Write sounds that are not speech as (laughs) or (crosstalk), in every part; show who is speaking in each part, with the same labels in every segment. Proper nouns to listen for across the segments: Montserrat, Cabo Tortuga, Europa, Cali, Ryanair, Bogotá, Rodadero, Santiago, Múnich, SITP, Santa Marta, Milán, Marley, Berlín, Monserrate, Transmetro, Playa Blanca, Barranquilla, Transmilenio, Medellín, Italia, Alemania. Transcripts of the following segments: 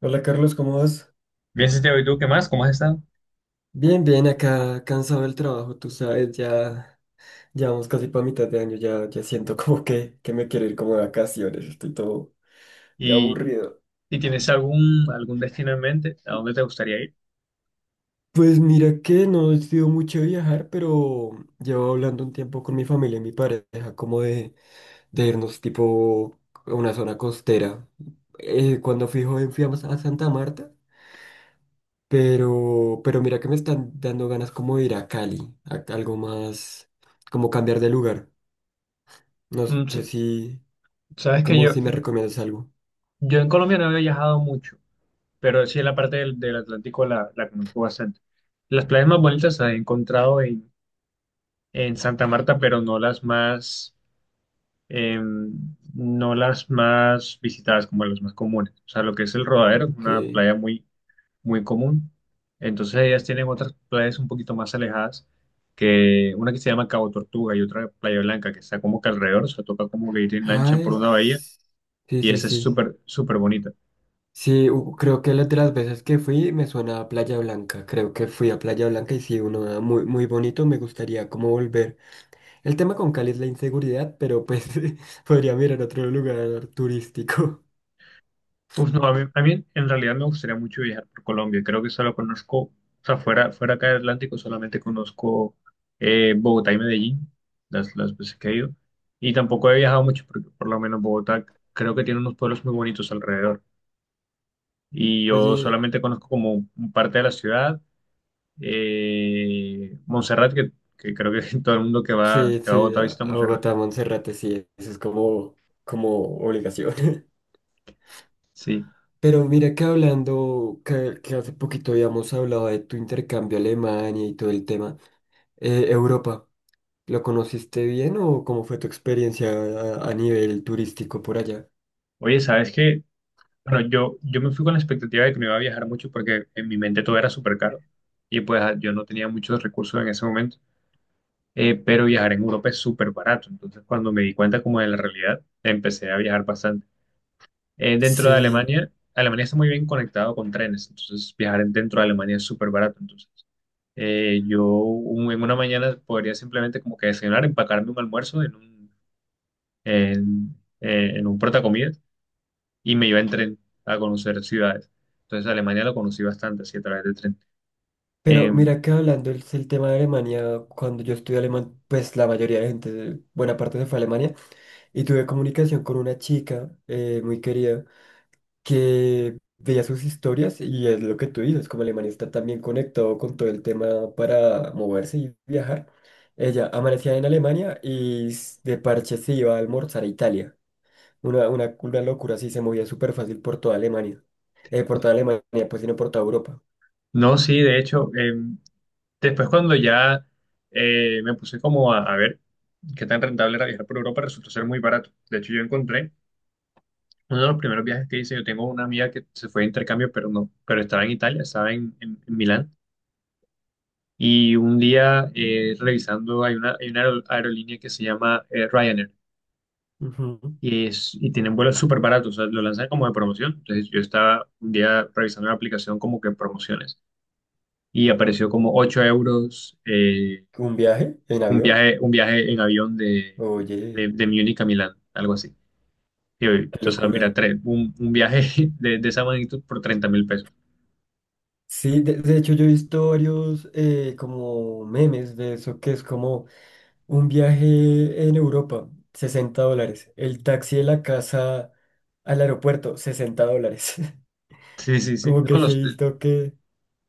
Speaker 1: Hola Carlos, ¿cómo vas?
Speaker 2: Bien, Santiago, ¿y tú qué más? ¿Cómo has estado?
Speaker 1: Bien, bien, acá cansado del trabajo, tú sabes, ya vamos casi para mitad de año, ya siento (laughs) como que me quiero ir como de vacaciones, estoy todo ya
Speaker 2: ¿Y,
Speaker 1: aburrido.
Speaker 2: y tienes algún destino en mente? ¿A dónde te gustaría ir?
Speaker 1: Pues mira que no he sido mucho de viajar, pero llevo hablando un tiempo con mi familia y mi pareja como de irnos tipo a una zona costera. Cuando fui joven fui a Santa Marta, pero mira que me están dando ganas como de ir a Cali, a algo más, como cambiar de lugar. No
Speaker 2: Mm,
Speaker 1: sé
Speaker 2: s-
Speaker 1: si,
Speaker 2: Sabes que
Speaker 1: como
Speaker 2: yo,
Speaker 1: si me recomiendas algo.
Speaker 2: yo en Colombia no había viajado mucho, pero sí en la parte del Atlántico la conozco bastante. Las playas más bonitas las he encontrado en Santa Marta, pero no las más, no las más visitadas como las más comunes. O sea, lo que es el Rodadero, es una
Speaker 1: Aunque,
Speaker 2: playa muy, muy común. Entonces ellas tienen otras playas un poquito más alejadas, que una que se llama Cabo Tortuga y otra Playa Blanca, que está como que alrededor, o sea, toca como que ir en lancha
Speaker 1: ay,
Speaker 2: por una bahía
Speaker 1: sí,
Speaker 2: y
Speaker 1: sí,
Speaker 2: esa es
Speaker 1: sí.
Speaker 2: súper, súper bonita.
Speaker 1: Sí, creo que las de las veces que fui me suena a Playa Blanca. Creo que fui a Playa Blanca y sí, uno da muy, muy bonito. Me gustaría como volver. El tema con Cali es la inseguridad, pero pues (laughs) podría mirar otro lugar turístico.
Speaker 2: Uf, no, a mí en realidad me gustaría mucho viajar por Colombia, creo que solo conozco, o sea, fuera, fuera acá del Atlántico solamente conozco Bogotá y Medellín, las veces que he ido, y tampoco he viajado mucho, porque por lo menos Bogotá creo que tiene unos pueblos muy bonitos alrededor. Y
Speaker 1: (laughs)
Speaker 2: yo
Speaker 1: Oye,
Speaker 2: solamente conozco como un parte de la ciudad. Montserrat, que creo que (laughs) todo el mundo
Speaker 1: sí,
Speaker 2: que va a
Speaker 1: sí,
Speaker 2: Bogotá
Speaker 1: a
Speaker 2: visita
Speaker 1: a
Speaker 2: Montserrat.
Speaker 1: Bogotá, Monserrate, sí, eso es como obligación. (laughs)
Speaker 2: Sí.
Speaker 1: Pero mira que hablando, que hace poquito habíamos hablado de tu intercambio a Alemania y todo el tema, Europa, ¿lo conociste bien o cómo fue tu experiencia a nivel turístico por allá?
Speaker 2: Oye, ¿sabes qué? Bueno, yo me fui con la expectativa de que no iba a viajar mucho porque en mi mente todo era súper caro y pues yo no tenía muchos recursos en ese momento. Pero viajar en Europa es súper barato. Entonces, cuando me di cuenta como de la realidad, empecé a viajar bastante. Dentro de
Speaker 1: Sí,
Speaker 2: Alemania, Alemania está muy bien conectado con trenes, entonces dentro de Alemania es súper barato. Entonces, en una mañana podría simplemente como que desayunar, empacarme un almuerzo en un, en, en un portacomidas y me iba en tren a conocer ciudades. Entonces Alemania lo conocí bastante así a través del tren.
Speaker 1: pero
Speaker 2: Em,
Speaker 1: mira que hablando el tema de Alemania, cuando yo estudié alemán, pues la mayoría de gente, buena parte se fue a Alemania y tuve comunicación con una chica muy querida, que veía sus historias y es lo que tú dices, como Alemania está también conectado con todo el tema para moverse y viajar, ella amanecía en Alemania y de parche se iba a almorzar a Italia. Una locura así, se movía súper fácil por toda Alemania. Por toda Alemania, pues sino por toda Europa.
Speaker 2: no, sí, de hecho, después cuando ya me puse como a ver qué tan rentable era viajar por Europa, resultó ser muy barato. De hecho, yo encontré uno de los primeros viajes que hice, yo tengo una amiga que se fue de intercambio, pero no, pero estaba en Italia, estaba en, en Milán. Y un día revisando, hay una aerolínea que se llama Ryanair
Speaker 1: Ujú.
Speaker 2: y tienen vuelos súper baratos, o sea, lo lanzan como de promoción. Entonces yo estaba un día revisando la aplicación como que promociones y apareció como 8 euros
Speaker 1: ¿Un viaje en avión?
Speaker 2: un viaje en avión
Speaker 1: Oye,
Speaker 2: de Múnich a Milán, algo así. Y yo,
Speaker 1: qué
Speaker 2: entonces, mira,
Speaker 1: locura.
Speaker 2: un viaje (laughs) de esa magnitud por 30.000 pesos.
Speaker 1: Sí, de hecho yo he visto varios como memes de eso, que es como... Un viaje en Europa, $60. El taxi de la casa al aeropuerto, $60. (laughs)
Speaker 2: Sí, sí, sí.
Speaker 1: Como
Speaker 2: No,
Speaker 1: que sí he visto que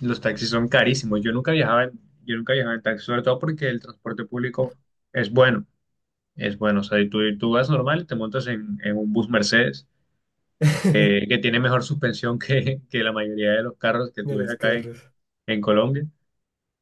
Speaker 2: los taxis son carísimos. Yo nunca viajaba en taxi, sobre todo porque el transporte público es bueno. Es bueno. O sea, y tú vas normal y te montas en un bus Mercedes que
Speaker 1: (laughs)
Speaker 2: tiene mejor suspensión que la mayoría de los carros que
Speaker 1: de
Speaker 2: tú ves
Speaker 1: los
Speaker 2: acá
Speaker 1: carros.
Speaker 2: en Colombia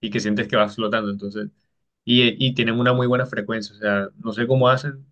Speaker 2: y que sientes que vas flotando. Entonces, y tienen una muy buena frecuencia. O sea, no sé cómo hacen.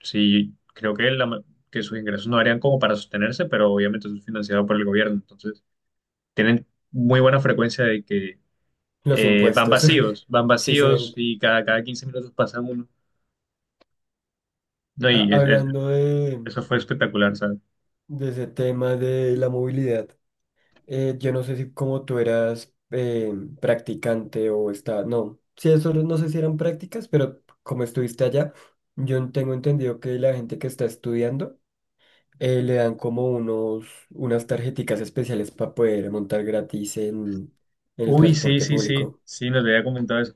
Speaker 2: Sí, creo que, que sus ingresos no harían como para sostenerse, pero obviamente eso es financiado por el gobierno. Entonces, tienen muy buena frecuencia de que
Speaker 1: Los impuestos, (laughs)
Speaker 2: van
Speaker 1: sí se
Speaker 2: vacíos
Speaker 1: ven.
Speaker 2: y cada, cada 15 minutos pasa uno. No, y
Speaker 1: Hablando de,
Speaker 2: eso fue espectacular, ¿sabes?
Speaker 1: de ese tema de la movilidad, yo no sé si como tú eras practicante o está, no, sí, eso no sé si eran prácticas, pero como estuviste allá, yo tengo entendido que la gente que está estudiando le dan como unos, unas tarjeticas especiales para poder montar gratis en, el
Speaker 2: Uy, sí,
Speaker 1: transporte
Speaker 2: sí, sí,
Speaker 1: público.
Speaker 2: sí, nos había comentado eso.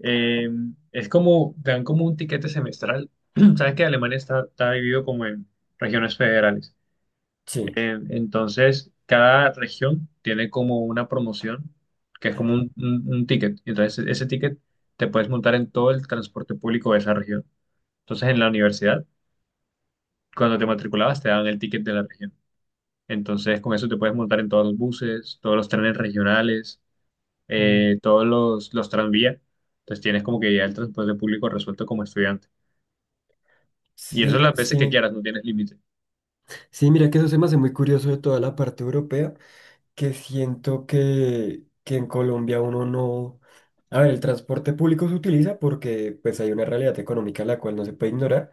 Speaker 2: Eh, es como, te dan como un tiquete semestral. (clears throat) Sabes que Alemania está, está dividido como en regiones federales.
Speaker 1: Sí.
Speaker 2: Entonces, cada región tiene como una promoción, que es como un ticket. Entonces, ese ticket te puedes montar en todo el transporte público de esa región. Entonces, en la universidad, cuando te matriculabas, te daban el ticket de la región. Entonces, con eso te puedes montar en todos los buses, todos los trenes regionales,
Speaker 1: Mm.
Speaker 2: todos los tranvías. Entonces, tienes como que ya el transporte público resuelto como estudiante. Y eso
Speaker 1: Sí,
Speaker 2: las
Speaker 1: sí,
Speaker 2: veces que quieras, no tienes límite.
Speaker 1: sí, mira que eso se me hace muy curioso de toda la parte europea, que siento que en Colombia uno... no... A ver, el transporte público se utiliza porque pues hay una realidad económica la cual no se puede ignorar,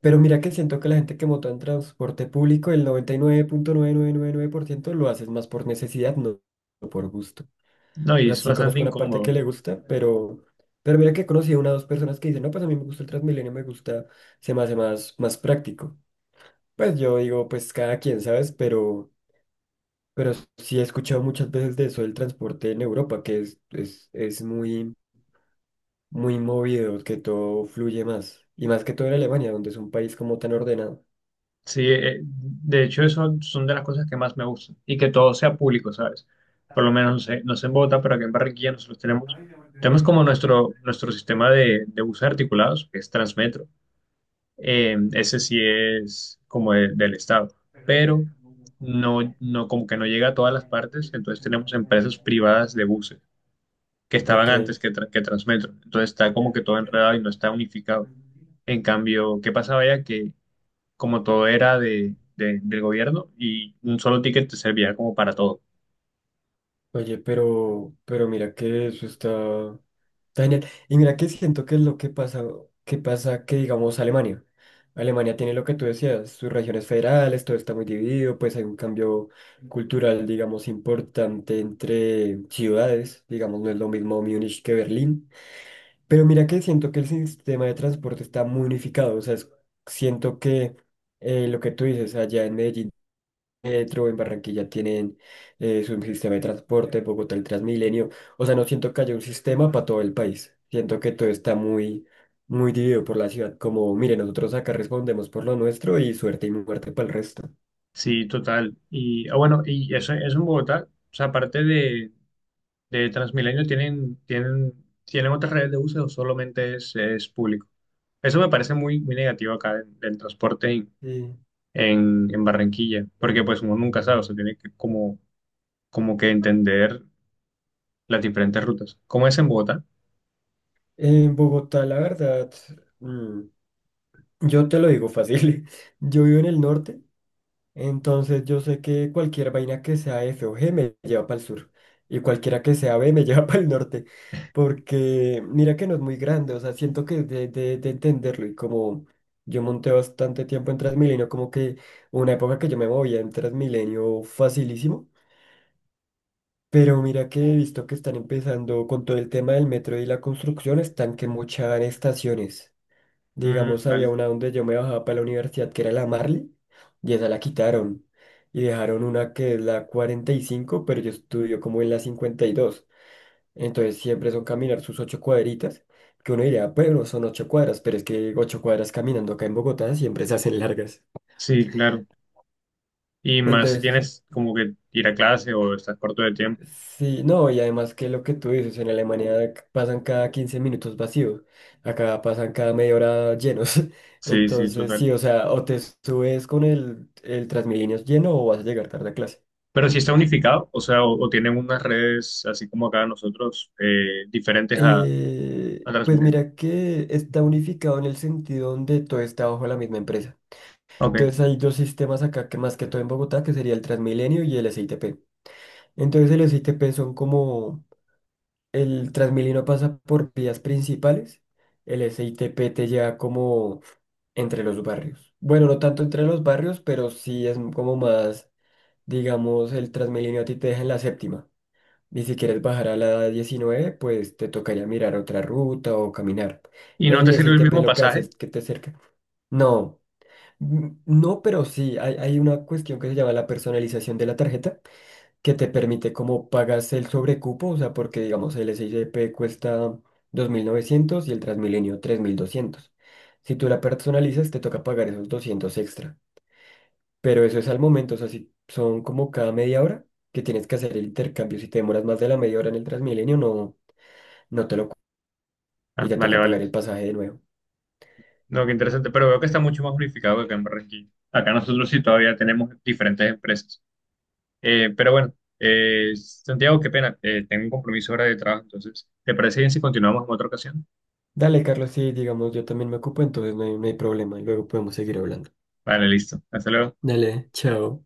Speaker 1: pero mira que siento que la gente que monta en transporte público, el noventa y nueve punto nueve nueve nueve nueve punto por ciento lo hace es más por necesidad, no, no por gusto.
Speaker 2: No,
Speaker 1: O
Speaker 2: y
Speaker 1: sea,
Speaker 2: es
Speaker 1: sí
Speaker 2: bastante
Speaker 1: conozco la parte que
Speaker 2: incómodo.
Speaker 1: le gusta, pero mira que he conocido una o dos personas que dicen, no, pues a mí me gusta el Transmilenio, me gusta, se me hace más, más práctico. Pues yo digo, pues cada quien, ¿sabes? Pero sí he escuchado muchas veces de eso del transporte en Europa, que es muy, muy movido, que todo fluye más. Y más que todo en Alemania, donde es un país como tan ordenado.
Speaker 2: Sí, de hecho, eso son de las cosas que más me gustan. Y que todo sea público, ¿sabes? Por lo menos, no sé, no sé en Bogotá, pero aquí en Barranquilla nosotros tenemos, tenemos como nuestro, nuestro sistema de buses articulados, que es Transmetro. Ese sí es como del Estado, pero no, no, como que no llega a todas las partes, entonces tenemos empresas privadas de buses que estaban
Speaker 1: Ok.
Speaker 2: antes que, que Transmetro, entonces está como que todo enredado y no está unificado. En cambio, ¿qué pasaba ya? Que como todo era de, del gobierno y un solo ticket te servía como para todo.
Speaker 1: Oye, pero mira que eso está, está genial. Y mira que siento que es lo que pasa, que pasa que digamos Alemania. Alemania tiene lo que tú decías, sus regiones federales, todo está muy dividido, pues hay un cambio cultural, digamos, importante entre ciudades, digamos, no es lo mismo Múnich que Berlín. Pero mira que siento que el sistema de transporte está muy unificado, o sea, es, siento que lo que tú dices allá en Medellín metro, en Barranquilla tienen su sistema de transporte, Bogotá el Transmilenio. O sea, no siento que haya un sistema para todo el país. Siento que todo está muy, muy dividido por la ciudad. Como, mire, nosotros acá respondemos por lo nuestro y suerte y muerte para el resto.
Speaker 2: Sí, total. Y bueno, y eso en Bogotá, o sea, aparte de Transmilenio, ¿tienen otras redes de buses o solamente es público? Eso me parece muy, muy negativo acá del, del transporte en,
Speaker 1: Sí.
Speaker 2: en Barranquilla, porque pues uno nunca sabe, o sea, tiene que como, como que entender las diferentes rutas. ¿Cómo es en Bogotá?
Speaker 1: En Bogotá, la verdad, mm, yo te lo digo fácil. (laughs) Yo vivo en el norte. Entonces yo sé que cualquier vaina que sea F o G me lleva para el sur y cualquiera que sea B me lleva (laughs) para el norte, porque mira que no es muy grande, o sea, siento que de, de entenderlo y como yo monté bastante tiempo en Transmilenio, como que una época que yo me movía en Transmilenio facilísimo, pero mira que he visto que están empezando con todo el tema del metro y la construcción, están que mochan estaciones.
Speaker 2: Mm,
Speaker 1: Digamos, había
Speaker 2: vale.
Speaker 1: una donde yo me bajaba para la universidad, que era la Marley, y esa la quitaron. Y dejaron una que es la 45, pero yo estudio como en la 52. Entonces siempre son caminar sus 8 cuadritas, que uno diría, bueno, son 8 cuadras, pero es que 8 cuadras caminando acá en Bogotá siempre se hacen largas.
Speaker 2: Sí, claro. Y más si
Speaker 1: Entonces,
Speaker 2: tienes como que ir a clase o estás corto de tiempo.
Speaker 1: sí, no, y además que lo que tú dices, en Alemania pasan cada 15 minutos vacíos, acá pasan cada media hora llenos. (laughs)
Speaker 2: Sí, sí,
Speaker 1: Entonces,
Speaker 2: total.
Speaker 1: sí, o sea, o te subes con el Transmilenio lleno o vas a llegar tarde a clase.
Speaker 2: Pero si está unificado, o sea, o tienen unas redes así como acá nosotros, diferentes a
Speaker 1: Pues
Speaker 2: Transmilenio.
Speaker 1: mira que está unificado en el sentido donde todo está bajo la misma empresa.
Speaker 2: Ok.
Speaker 1: Entonces hay dos sistemas acá que más que todo en Bogotá, que sería el Transmilenio y el SITP. Entonces el SITP son como el Transmilenio pasa por vías principales. El SITP te lleva como entre los barrios. Bueno, no tanto entre los barrios, pero sí es como más, digamos, el Transmilenio a ti te deja en la séptima. Y si quieres bajar a la 19, pues te tocaría mirar otra ruta o caminar.
Speaker 2: ¿Y no
Speaker 1: El
Speaker 2: te sirve el
Speaker 1: SITP
Speaker 2: mismo
Speaker 1: lo que hace
Speaker 2: pasaje?
Speaker 1: es que te cerca. No, mm, no, pero sí, hay una cuestión que se llama la personalización de la tarjeta que te permite como pagas el sobrecupo, o sea, porque digamos el SICP cuesta 2.900 y el Transmilenio 3.200. Si tú la personalizas, te toca pagar esos 200 extra. Pero eso es al momento, o sea, si son como cada media hora que tienes que hacer el intercambio. Si te demoras más de la media hora en el Transmilenio, no, no te lo... Y
Speaker 2: Ah,
Speaker 1: te
Speaker 2: vale,
Speaker 1: toca
Speaker 2: vale.
Speaker 1: pagar el pasaje de nuevo.
Speaker 2: No, qué interesante, pero veo que está mucho más unificado que acá en Barranquilla. Acá nosotros sí todavía tenemos diferentes empresas. Pero bueno, Santiago, qué pena, tengo un compromiso ahora de trabajo, entonces, ¿te parece bien si continuamos en otra ocasión?
Speaker 1: Dale, Carlos, sí, digamos, yo también me ocupo, entonces no hay problema. Y luego podemos seguir hablando.
Speaker 2: Vale, listo. Hasta luego.
Speaker 1: Dale, chao.